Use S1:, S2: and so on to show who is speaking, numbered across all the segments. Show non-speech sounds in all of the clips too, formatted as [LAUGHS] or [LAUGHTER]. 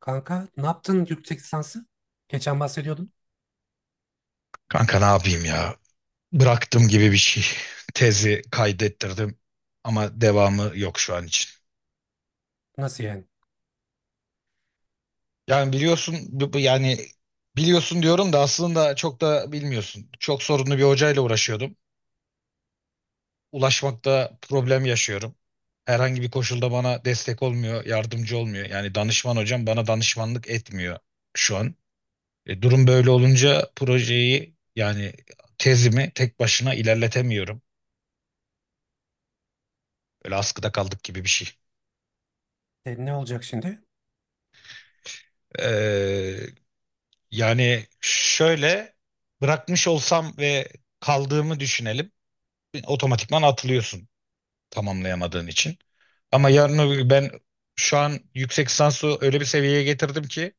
S1: Kanka ne yaptın yüksek lisansı? Geçen bahsediyordun.
S2: Kanka ne yapayım ya? Bıraktım gibi bir şey. Tezi kaydettirdim ama devamı yok şu an için.
S1: Nasıl yani?
S2: Yani biliyorsun biliyorsun diyorum da aslında çok da bilmiyorsun. Çok sorunlu bir hocayla uğraşıyordum. Ulaşmakta problem yaşıyorum. Herhangi bir koşulda bana destek olmuyor, yardımcı olmuyor. Yani danışman hocam bana danışmanlık etmiyor şu an. Durum böyle olunca projeyi yani tezimi tek başına ilerletemiyorum. Böyle askıda kaldık gibi bir şey.
S1: E, ne olacak şimdi?
S2: E, Yani şöyle bırakmış olsam ve kaldığımı düşünelim. Otomatikman atılıyorsun tamamlayamadığın için.
S1: Hı
S2: Ama
S1: hı.
S2: yarın öbür gün ben şu an yüksek lisansı öyle bir seviyeye getirdim ki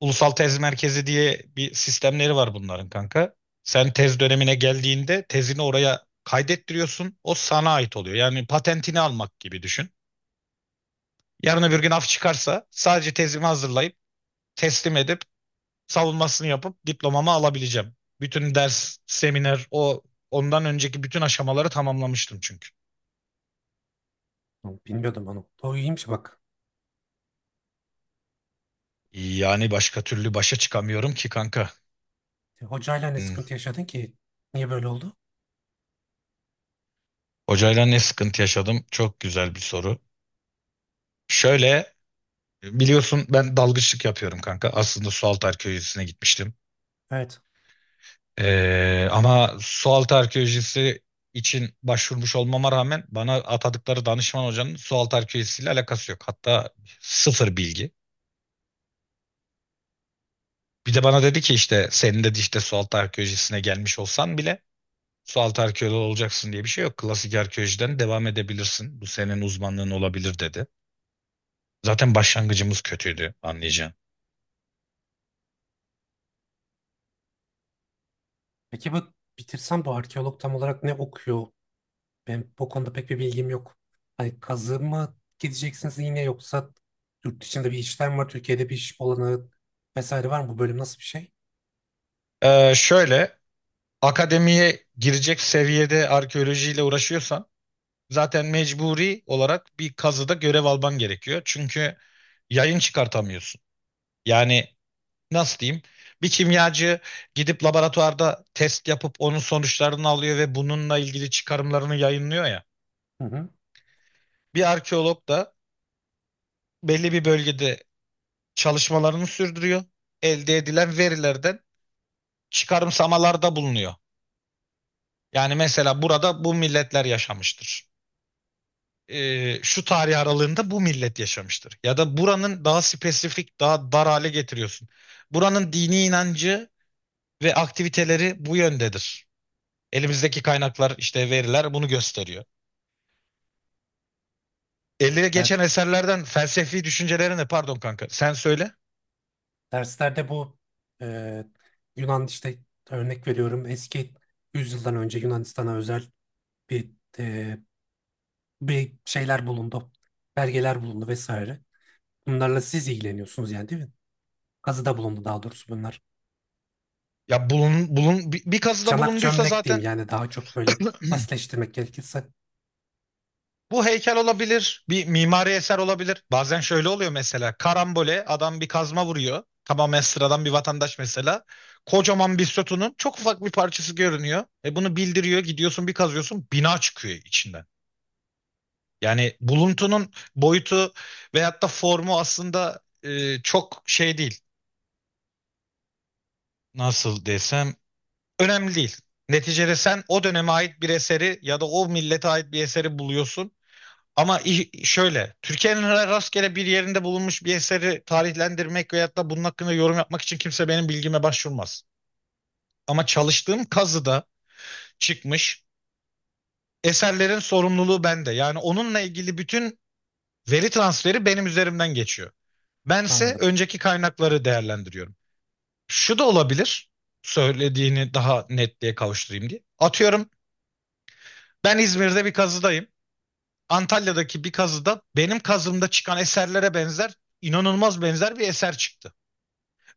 S2: ulusal tez merkezi diye bir sistemleri var bunların kanka. Sen tez dönemine geldiğinde tezini oraya kaydettiriyorsun. O sana ait oluyor. Yani patentini almak gibi düşün. Yarın öbür gün af çıkarsa sadece tezimi hazırlayıp teslim edip savunmasını yapıp diplomamı alabileceğim. Bütün ders, seminer, ondan önceki bütün aşamaları tamamlamıştım çünkü.
S1: Oğlum, bilmiyordum onu. O iyiymiş bak.
S2: Yani başka türlü başa çıkamıyorum ki kanka.
S1: E, hocayla ne
S2: Hmm.
S1: sıkıntı yaşadın ki? Niye böyle oldu?
S2: Hocayla ne sıkıntı yaşadım? Çok güzel bir soru. Şöyle biliyorsun ben dalgıçlık yapıyorum kanka. Aslında sualtı arkeolojisine gitmiştim.
S1: Evet.
S2: Ama sualtı arkeolojisi için başvurmuş olmama rağmen bana atadıkları danışman hocanın sualtı arkeolojisiyle alakası yok. Hatta sıfır bilgi. Bir de bana dedi ki işte senin dedi işte sualtı arkeolojisine gelmiş olsan bile sualtı arkeoloğu olacaksın diye bir şey yok. Klasik arkeolojiden devam edebilirsin. Bu senin uzmanlığın olabilir dedi. Zaten başlangıcımız kötüydü anlayacağın.
S1: Peki bu bitirsem bu arkeolog tam olarak ne okuyor? Ben bu konuda pek bir bilgim yok. Hani kazı mı gideceksiniz yine yoksa yurt dışında bir işlem var, Türkiye'de bir iş olanı vesaire var mı? Bu bölüm nasıl bir şey?
S2: Şöyle akademiye girecek seviyede arkeolojiyle uğraşıyorsan zaten mecburi olarak bir kazıda görev alman gerekiyor. Çünkü yayın çıkartamıyorsun. Yani nasıl diyeyim? Bir kimyacı gidip laboratuvarda test yapıp onun sonuçlarını alıyor ve bununla ilgili çıkarımlarını yayınlıyor ya.
S1: Hı hı.
S2: Bir arkeolog da belli bir bölgede çalışmalarını sürdürüyor. Elde edilen verilerden çıkarımsamalarda bulunuyor. Yani mesela burada bu milletler yaşamıştır. Şu tarih aralığında bu millet yaşamıştır. Ya da buranın daha spesifik, daha dar hale getiriyorsun. Buranın dini inancı ve aktiviteleri bu yöndedir. Elimizdeki kaynaklar işte veriler bunu gösteriyor. Elde
S1: Der-
S2: geçen eserlerden felsefi düşüncelerini pardon kanka sen söyle.
S1: Derslerde bu e, Yunan, işte örnek veriyorum, eski yüzyıldan önce Yunanistan'a özel bir, e, bir şeyler bulundu. Belgeler bulundu vesaire. Bunlarla siz ilgileniyorsunuz yani değil mi? Kazıda bulundu daha doğrusu bunlar.
S2: Ya bir kazıda
S1: Çanak
S2: bulunduysa
S1: çömlek diyeyim
S2: zaten
S1: yani, daha çok böyle basitleştirmek gerekirse.
S2: bu heykel olabilir, bir mimari eser olabilir. Bazen şöyle oluyor mesela karambole adam bir kazma vuruyor. Tamamen sıradan bir vatandaş mesela. Kocaman bir sütunun çok ufak bir parçası görünüyor. E bunu bildiriyor gidiyorsun bir kazıyorsun bina çıkıyor içinden. Yani buluntunun boyutu veyahut da formu aslında çok şey değil. Nasıl desem önemli değil. Neticede sen o döneme ait bir eseri ya da o millete ait bir eseri buluyorsun. Ama şöyle Türkiye'nin rastgele bir yerinde bulunmuş bir eseri tarihlendirmek veyahut da bunun hakkında yorum yapmak için kimse benim bilgime başvurmaz. Ama çalıştığım kazıda çıkmış eserlerin sorumluluğu bende. Yani onunla ilgili bütün veri transferi benim üzerimden geçiyor. Bense
S1: Anladım.
S2: önceki kaynakları değerlendiriyorum. Şu da olabilir. Söylediğini daha netliğe kavuşturayım diye. Atıyorum ben İzmir'de bir kazıdayım. Antalya'daki bir kazıda benim kazımda çıkan eserlere benzer, inanılmaz benzer bir eser çıktı.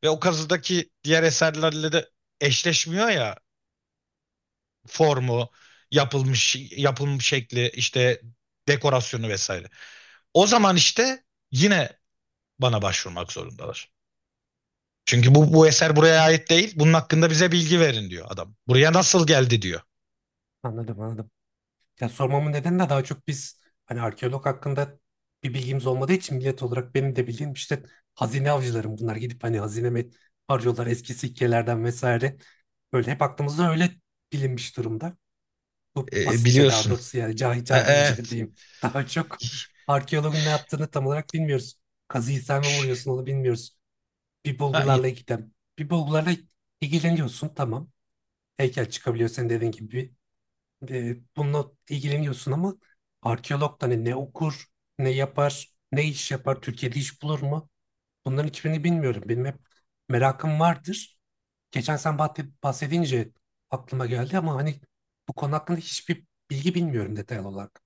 S2: Ve o kazıdaki diğer eserlerle de eşleşmiyor ya formu, yapılmış şekli, işte dekorasyonu vesaire. O zaman işte yine bana başvurmak zorundalar. Çünkü bu eser buraya ait değil. Bunun hakkında bize bilgi verin diyor adam. Buraya nasıl geldi diyor.
S1: Anladım. Ya sormamın nedeni de, daha çok biz hani arkeolog hakkında bir bilgimiz olmadığı için millet olarak, benim de bildiğim işte hazine avcılarım bunlar, gidip hani hazine mi arıyorlar eski sikkelerden vesaire. Böyle hep aklımızda öyle bilinmiş durumda. Bu basitçe, daha
S2: Biliyorsun.
S1: doğrusu yani cahil
S2: E, e,
S1: cahilce diyeyim. [LAUGHS] Daha çok arkeologun ne yaptığını tam olarak bilmiyoruz. Kazıyı sen mi vuruyorsun onu bilmiyoruz. Bir bulgularla ilgilen. Bir bulgularla ilgileniyorsun tamam. Heykel çıkabiliyor senin dediğin gibi, bununla ilgileniyorsun ama arkeolog da hani ne okur, ne yapar, ne iş yapar, Türkiye'de iş bulur mu? Bunların hiçbirini bilmiyorum. Benim hep merakım vardır. Geçen sen bahsedince aklıma geldi ama hani bu konu hakkında hiçbir bilgi bilmiyorum detaylı olarak.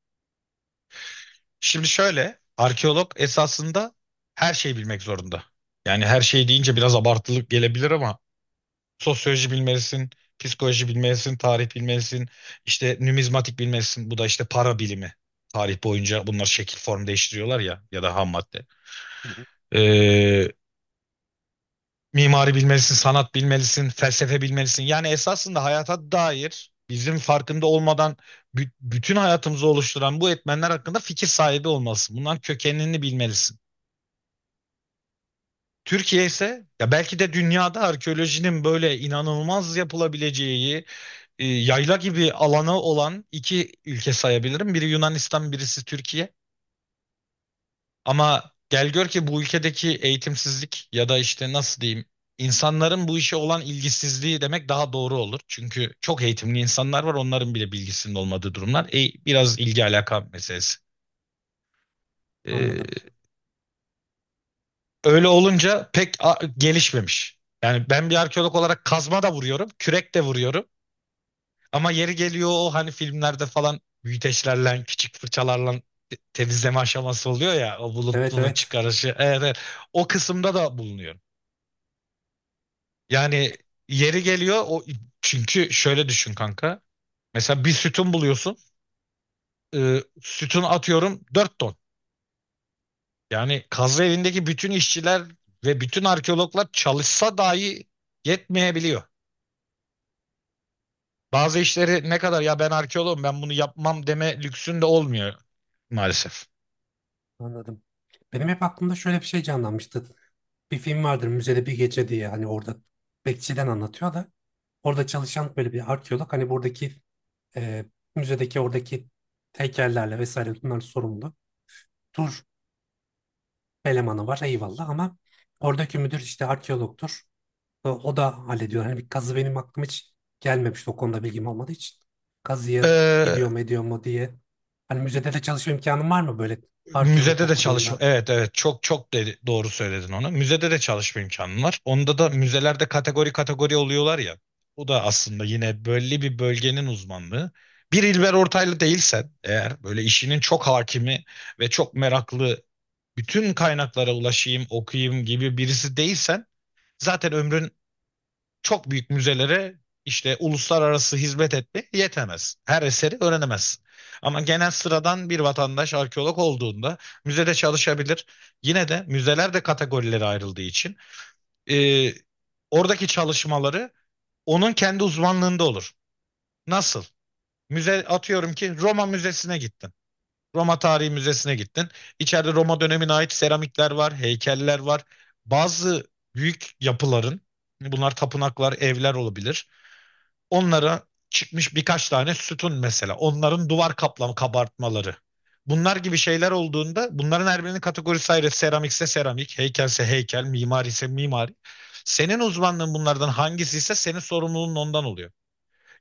S2: Şimdi şöyle arkeolog esasında her şeyi bilmek zorunda. Yani her şey deyince biraz abartılık gelebilir ama sosyoloji bilmelisin, psikoloji bilmelisin, tarih bilmelisin, işte numizmatik bilmelisin. Bu da işte para bilimi. Tarih boyunca bunlar şekil form değiştiriyorlar ya ya da ham madde.
S1: Hı hı.
S2: E, Mimari bilmelisin, sanat bilmelisin, felsefe bilmelisin. Yani esasında hayata dair bizim farkında olmadan bütün hayatımızı oluşturan bu etmenler hakkında fikir sahibi olmalısın. Bunların kökenini bilmelisin. Türkiye ise ya belki de dünyada arkeolojinin böyle inanılmaz yapılabileceği yayla gibi alanı olan iki ülke sayabilirim. Biri Yunanistan, birisi Türkiye. Ama gel gör ki bu ülkedeki eğitimsizlik ya da işte nasıl diyeyim insanların bu işe olan ilgisizliği demek daha doğru olur. Çünkü çok eğitimli insanlar var onların bile bilgisinin olmadığı durumlar. Biraz ilgi alaka meselesi.
S1: Anladım.
S2: Ee, Öyle olunca pek gelişmemiş. Yani ben bir arkeolog olarak kazma da vuruyorum, kürek de vuruyorum. Ama yeri geliyor o hani filmlerde falan büyüteçlerle, küçük fırçalarla temizleme aşaması oluyor ya o
S1: Evet
S2: bulutluğunu
S1: evet
S2: çıkarışı. Evet, evet. O kısımda da bulunuyor. Yani yeri geliyor o çünkü şöyle düşün kanka. Mesela bir sütun buluyorsun. Sütun atıyorum 4 ton. Yani kazı evindeki bütün işçiler ve bütün arkeologlar çalışsa dahi yetmeyebiliyor. Bazı işleri ne kadar ya ben arkeologum ben bunu yapmam deme lüksün de olmuyor maalesef.
S1: anladım. Benim hep aklımda şöyle bir şey canlanmıştı. Bir film vardır, müzede bir gece diye, hani orada bekçiden anlatıyor da, orada çalışan böyle bir arkeolog hani buradaki, e, müzedeki oradaki heykellerle vesaire, bunlar sorumlu. Tur elemanı var, eyvallah, ama oradaki müdür işte arkeologtur. O da hallediyor. Hani bir kazı benim aklıma hiç gelmemişti o konuda bilgim olmadığı için. Kazıya gidiyor
S2: Ee,
S1: mu, ediyor mu diye. Hani müzede de çalışma imkanım var mı böyle arkeolog
S2: Müzede de çalışma.
S1: okuduğunda?
S2: Evet, evet, çok çok dedi, doğru söyledin onu. Müzede de çalışma imkanım var. Onda da müzelerde kategori kategori oluyorlar ya. O da aslında yine belli bir bölgenin uzmanlığı. Bir İlber Ortaylı değilsen eğer böyle işinin çok hakimi ve çok meraklı bütün kaynaklara ulaşayım, okuyayım gibi birisi değilsen zaten ömrün çok büyük müzelere işte uluslararası hizmet etme yetemez. Her eseri öğrenemez. Ama genel sıradan bir vatandaş arkeolog olduğunda müzede çalışabilir. Yine de müzeler de kategorilere ayrıldığı için e, oradaki çalışmaları onun kendi uzmanlığında olur. Nasıl? Müze atıyorum ki Roma Müzesi'ne gittin. Roma Tarihi Müzesi'ne gittin. İçeride Roma dönemine ait seramikler var, heykeller var. Bazı büyük yapıların bunlar tapınaklar, evler olabilir. Onlara çıkmış birkaç tane sütun mesela. Onların duvar kaplam kabartmaları. Bunlar gibi şeyler olduğunda bunların her birinin kategorisi ayrı. Seramikse seramik, heykelse heykel, mimari ise mimari. Senin uzmanlığın bunlardan hangisi ise senin sorumluluğun ondan oluyor.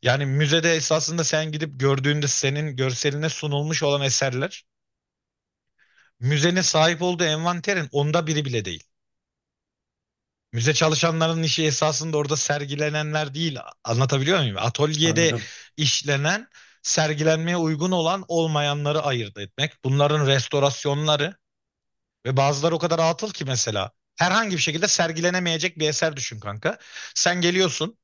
S2: Yani müzede esasında sen gidip gördüğünde senin görseline sunulmuş olan eserler müzenin sahip olduğu envanterin onda biri bile değil. Müze çalışanların işi esasında orada sergilenenler değil. Anlatabiliyor muyum? Atölyede
S1: Anladım,
S2: işlenen, sergilenmeye uygun olan olmayanları ayırt etmek. Bunların restorasyonları ve bazıları o kadar atıl ki mesela. Herhangi bir şekilde sergilenemeyecek bir eser düşün kanka. Sen geliyorsun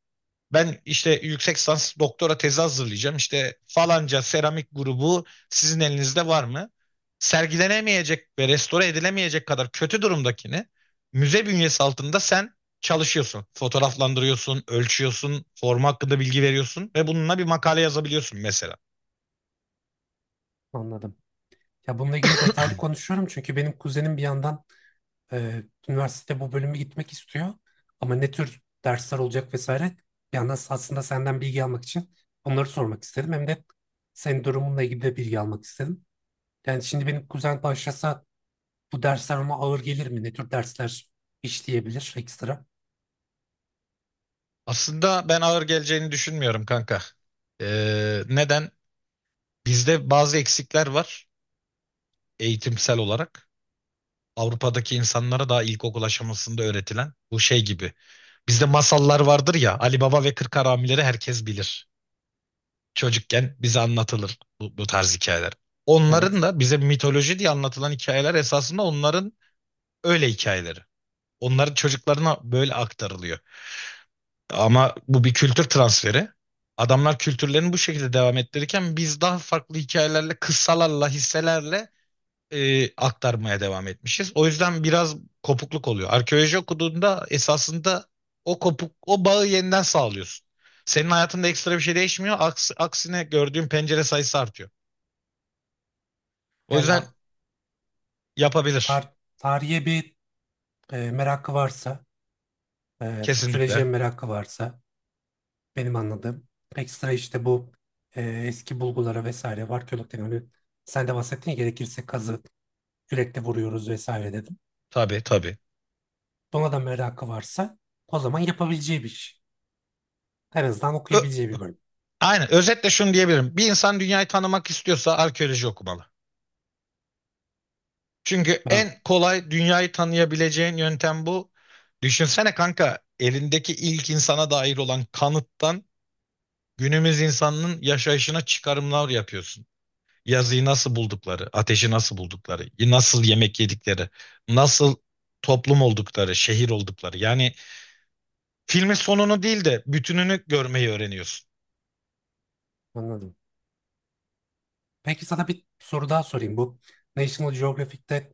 S2: ben işte yüksek lisans doktora tezi hazırlayacağım. İşte falanca seramik grubu sizin elinizde var mı? Sergilenemeyecek ve restore edilemeyecek kadar kötü durumdakini müze bünyesi altında sen çalışıyorsun. Fotoğraflandırıyorsun, ölçüyorsun, forma hakkında bilgi veriyorsun ve bununla bir makale yazabiliyorsun mesela.
S1: anladım. Ya bununla ilgili detaylı konuşuyorum çünkü benim kuzenim bir yandan, Ee, üniversitede bu bölümü gitmek istiyor. Ama ne tür dersler olacak vesaire. Bir yandan aslında senden bilgi almak için onları sormak istedim. Hem de senin durumunla ilgili de bilgi almak istedim. Yani şimdi benim kuzen başlasa bu dersler ona ağır gelir mi? Ne tür dersler işleyebilir ekstra?
S2: Aslında ben ağır geleceğini düşünmüyorum kanka. Neden? Bizde bazı eksikler var eğitimsel olarak. Avrupa'daki insanlara daha ilkokul aşamasında öğretilen bu şey gibi bizde masallar vardır ya Ali Baba ve Kırk Haramileri herkes bilir. Çocukken bize anlatılır bu tarz hikayeler.
S1: Evet.
S2: Onların da bize mitoloji diye anlatılan hikayeler esasında onların öyle hikayeleri. Onların çocuklarına böyle aktarılıyor. Ama bu bir kültür transferi. Adamlar kültürlerini bu şekilde devam ettirirken biz daha farklı hikayelerle, kıssalarla, hisselerle aktarmaya devam etmişiz. O yüzden biraz kopukluk oluyor. Arkeoloji okuduğunda esasında o bağı yeniden sağlıyorsun. Senin hayatında ekstra bir şey değişmiyor. Aksine gördüğün pencere sayısı artıyor. O
S1: Yani
S2: yüzden yapabilir.
S1: tarihe bir, merakı varsa, sosyolojiye
S2: Kesinlikle.
S1: merakı varsa, benim anladığım, ekstra işte bu, eski bulgulara vesaire var. Arkeologdan hani sen de bahsettin ya, gerekirse kazı kürekle vuruyoruz vesaire dedim.
S2: Tabii, tabii.
S1: Buna da merakı varsa o zaman yapabileceği bir iş. En azından
S2: Ö-
S1: okuyabileceği bir bölüm.
S2: Aynen. Özetle şunu diyebilirim. Bir insan dünyayı tanımak istiyorsa arkeoloji okumalı. Çünkü
S1: Tamam,
S2: en kolay dünyayı tanıyabileceğin yöntem bu. Düşünsene kanka elindeki ilk insana dair olan kanıttan günümüz insanının yaşayışına çıkarımlar yapıyorsun. Yazıyı nasıl buldukları, ateşi nasıl buldukları, nasıl yemek yedikleri, nasıl toplum oldukları, şehir oldukları. Yani filmin sonunu değil de bütününü görmeyi öğreniyorsun.
S1: anladım. Peki sana bir soru daha sorayım. Bu National Geographic'te,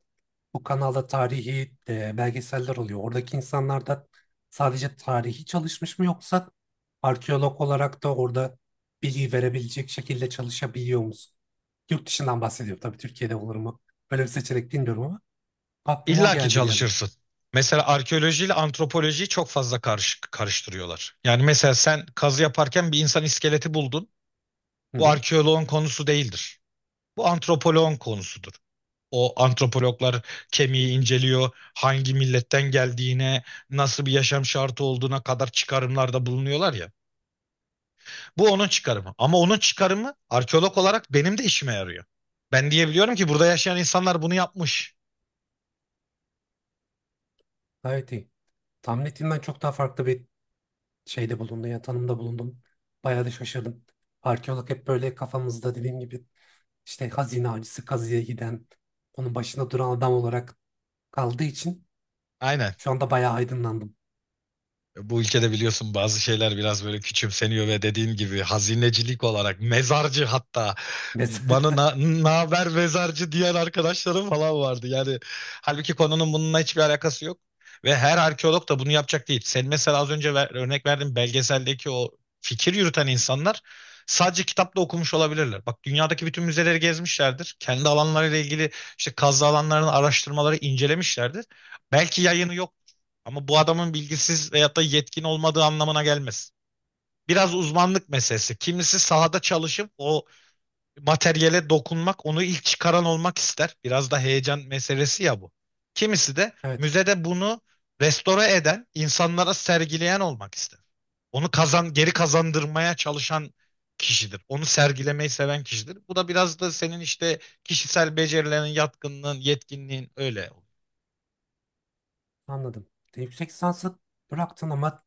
S1: bu kanalda tarihi, belgeseller oluyor. Oradaki insanlar da sadece tarihi çalışmış mı, yoksa arkeolog olarak da orada bilgi verebilecek şekilde çalışabiliyor musun? Yurt dışından bahsediyorum. Tabii Türkiye'de olur mu? Böyle bir seçenek bilmiyorum ama aklıma o
S2: İlla ki
S1: geldi bir an.
S2: çalışırsın. Mesela arkeolojiyle antropolojiyi çok fazla karıştırıyorlar. Yani mesela sen kazı yaparken bir insan iskeleti buldun.
S1: Hı
S2: Bu
S1: hı.
S2: arkeoloğun konusu değildir. Bu antropoloğun konusudur. O antropologlar kemiği inceliyor, hangi milletten geldiğine, nasıl bir yaşam şartı olduğuna kadar çıkarımlarda bulunuyorlar ya. Bu onun çıkarımı. Ama onun çıkarımı arkeolog olarak benim de işime yarıyor. Ben diyebiliyorum ki burada yaşayan insanlar bunu yapmış.
S1: Gayet iyi. Tahmin ettiğimden çok daha farklı bir şeyde bulundum ya, tanımda bulundum. Bayağı da şaşırdım. Arkeolog hep böyle kafamızda, dediğim gibi, işte hazine avcısı, kazıya giden, onun başında duran adam olarak kaldığı için
S2: Aynen.
S1: şu anda bayağı aydınlandım.
S2: Bu ülkede biliyorsun bazı şeyler biraz böyle küçümseniyor ve dediğin gibi hazinecilik olarak mezarcı hatta bana
S1: Mesela
S2: naber mezarcı diyen arkadaşlarım falan vardı. Yani halbuki konunun bununla hiçbir alakası yok ve her arkeolog da bunu yapacak değil. Sen mesela az önce örnek verdiğin belgeseldeki o fikir yürüten insanlar sadece kitapta okumuş olabilirler. Bak dünyadaki bütün müzeleri gezmişlerdir. Kendi alanlarıyla ilgili işte kazı alanlarının araştırmaları incelemişlerdir. Belki yayını yok ama bu adamın bilgisiz veyahut da yetkin olmadığı anlamına gelmez. Biraz uzmanlık meselesi. Kimisi sahada çalışıp o materyale dokunmak, onu ilk çıkaran olmak ister. Biraz da heyecan meselesi ya bu. Kimisi de
S1: [LAUGHS] evet,
S2: müzede bunu restore eden, insanlara sergileyen olmak ister. Onu kazan, geri kazandırmaya çalışan kişidir. Onu sergilemeyi seven kişidir. Bu da biraz da senin işte kişisel becerilerin, yatkınlığın, yetkinliğin öyle.
S1: anladım. De, yüksek lisansı bıraktın ama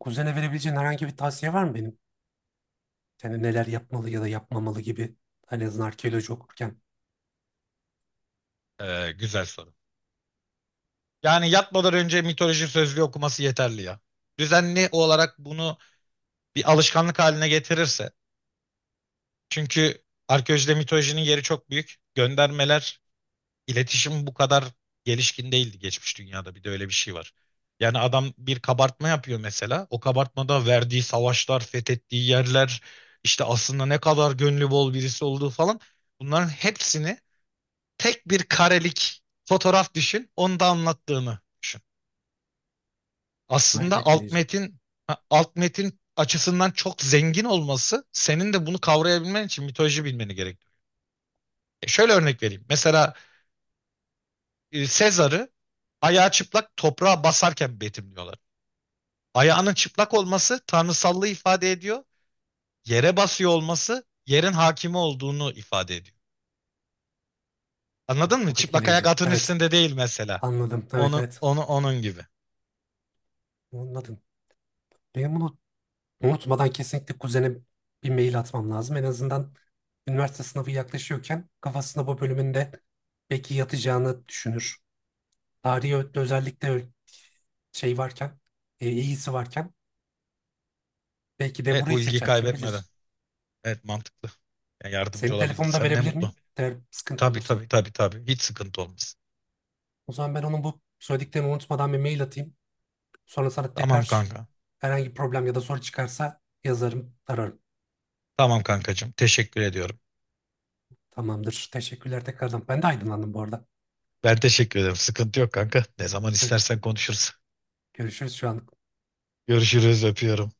S1: kuzene verebileceğin herhangi bir tavsiye var mı benim? Yani neler yapmalı ya da yapmamalı gibi. Hani en azından arkeoloji okurken.
S2: Güzel soru. Yani yatmadan önce mitoloji sözlüğü okuması yeterli ya. Düzenli olarak bunu bir alışkanlık haline getirirse. Çünkü arkeolojide mitolojinin yeri çok büyük. Göndermeler, iletişim bu kadar gelişkin değildi geçmiş dünyada. Bir de öyle bir şey var. Yani adam bir kabartma yapıyor mesela. O kabartmada verdiği savaşlar, fethettiği yerler, işte aslında ne kadar gönlü bol birisi olduğu falan. Bunların hepsini tek bir karelik fotoğraf düşün, onu da anlattığını düşün.
S1: Evet,
S2: Aslında
S1: etkileyici.
S2: alt metin açısından çok zengin olması senin de bunu kavrayabilmen için mitoloji bilmeni gerektiriyor. Şöyle örnek vereyim. Mesela Sezar'ı ayağı çıplak toprağa basarken betimliyorlar. Ayağının çıplak olması tanrısallığı ifade ediyor. Yere basıyor olması yerin hakimi olduğunu ifade ediyor. Anladın mı?
S1: Çok
S2: Çıplak ayak
S1: etkileyici.
S2: atın
S1: Evet,
S2: üstünde değil mesela.
S1: anladım. Evet
S2: Onu,
S1: evet
S2: onu onun gibi.
S1: anladım. Benim bunu, unutmadan kesinlikle kuzene bir mail atmam lazım. En azından üniversite sınavı yaklaşıyorken kafasında bu bölümünde belki yatacağını düşünür. Tarihi özellikle şey varken, iyisi varken belki de
S2: Evet
S1: burayı
S2: bu ilgi
S1: seçer kim
S2: kaybetmeden.
S1: bilir.
S2: Evet mantıklı. Yani yardımcı
S1: Senin telefonunu da
S2: olabildiysem ne
S1: verebilir
S2: mutlu.
S1: miyim? Eğer sıkıntı
S2: Tabii
S1: olursa.
S2: tabii tabii tabii. Hiç sıkıntı olmaz.
S1: O zaman ben onun bu söylediklerini unutmadan bir mail atayım. Sonra sana
S2: Tamam
S1: tekrar
S2: kanka.
S1: herhangi bir problem ya da soru çıkarsa yazarım, ararım.
S2: Tamam kankacığım. Teşekkür ediyorum.
S1: Tamamdır. Teşekkürler tekrardan. Ben de aydınlandım bu arada.
S2: Ben teşekkür ederim. Sıkıntı yok kanka. Ne zaman
S1: Gör-
S2: istersen konuşuruz.
S1: Görüşürüz şu an.
S2: Görüşürüz. Öpüyorum.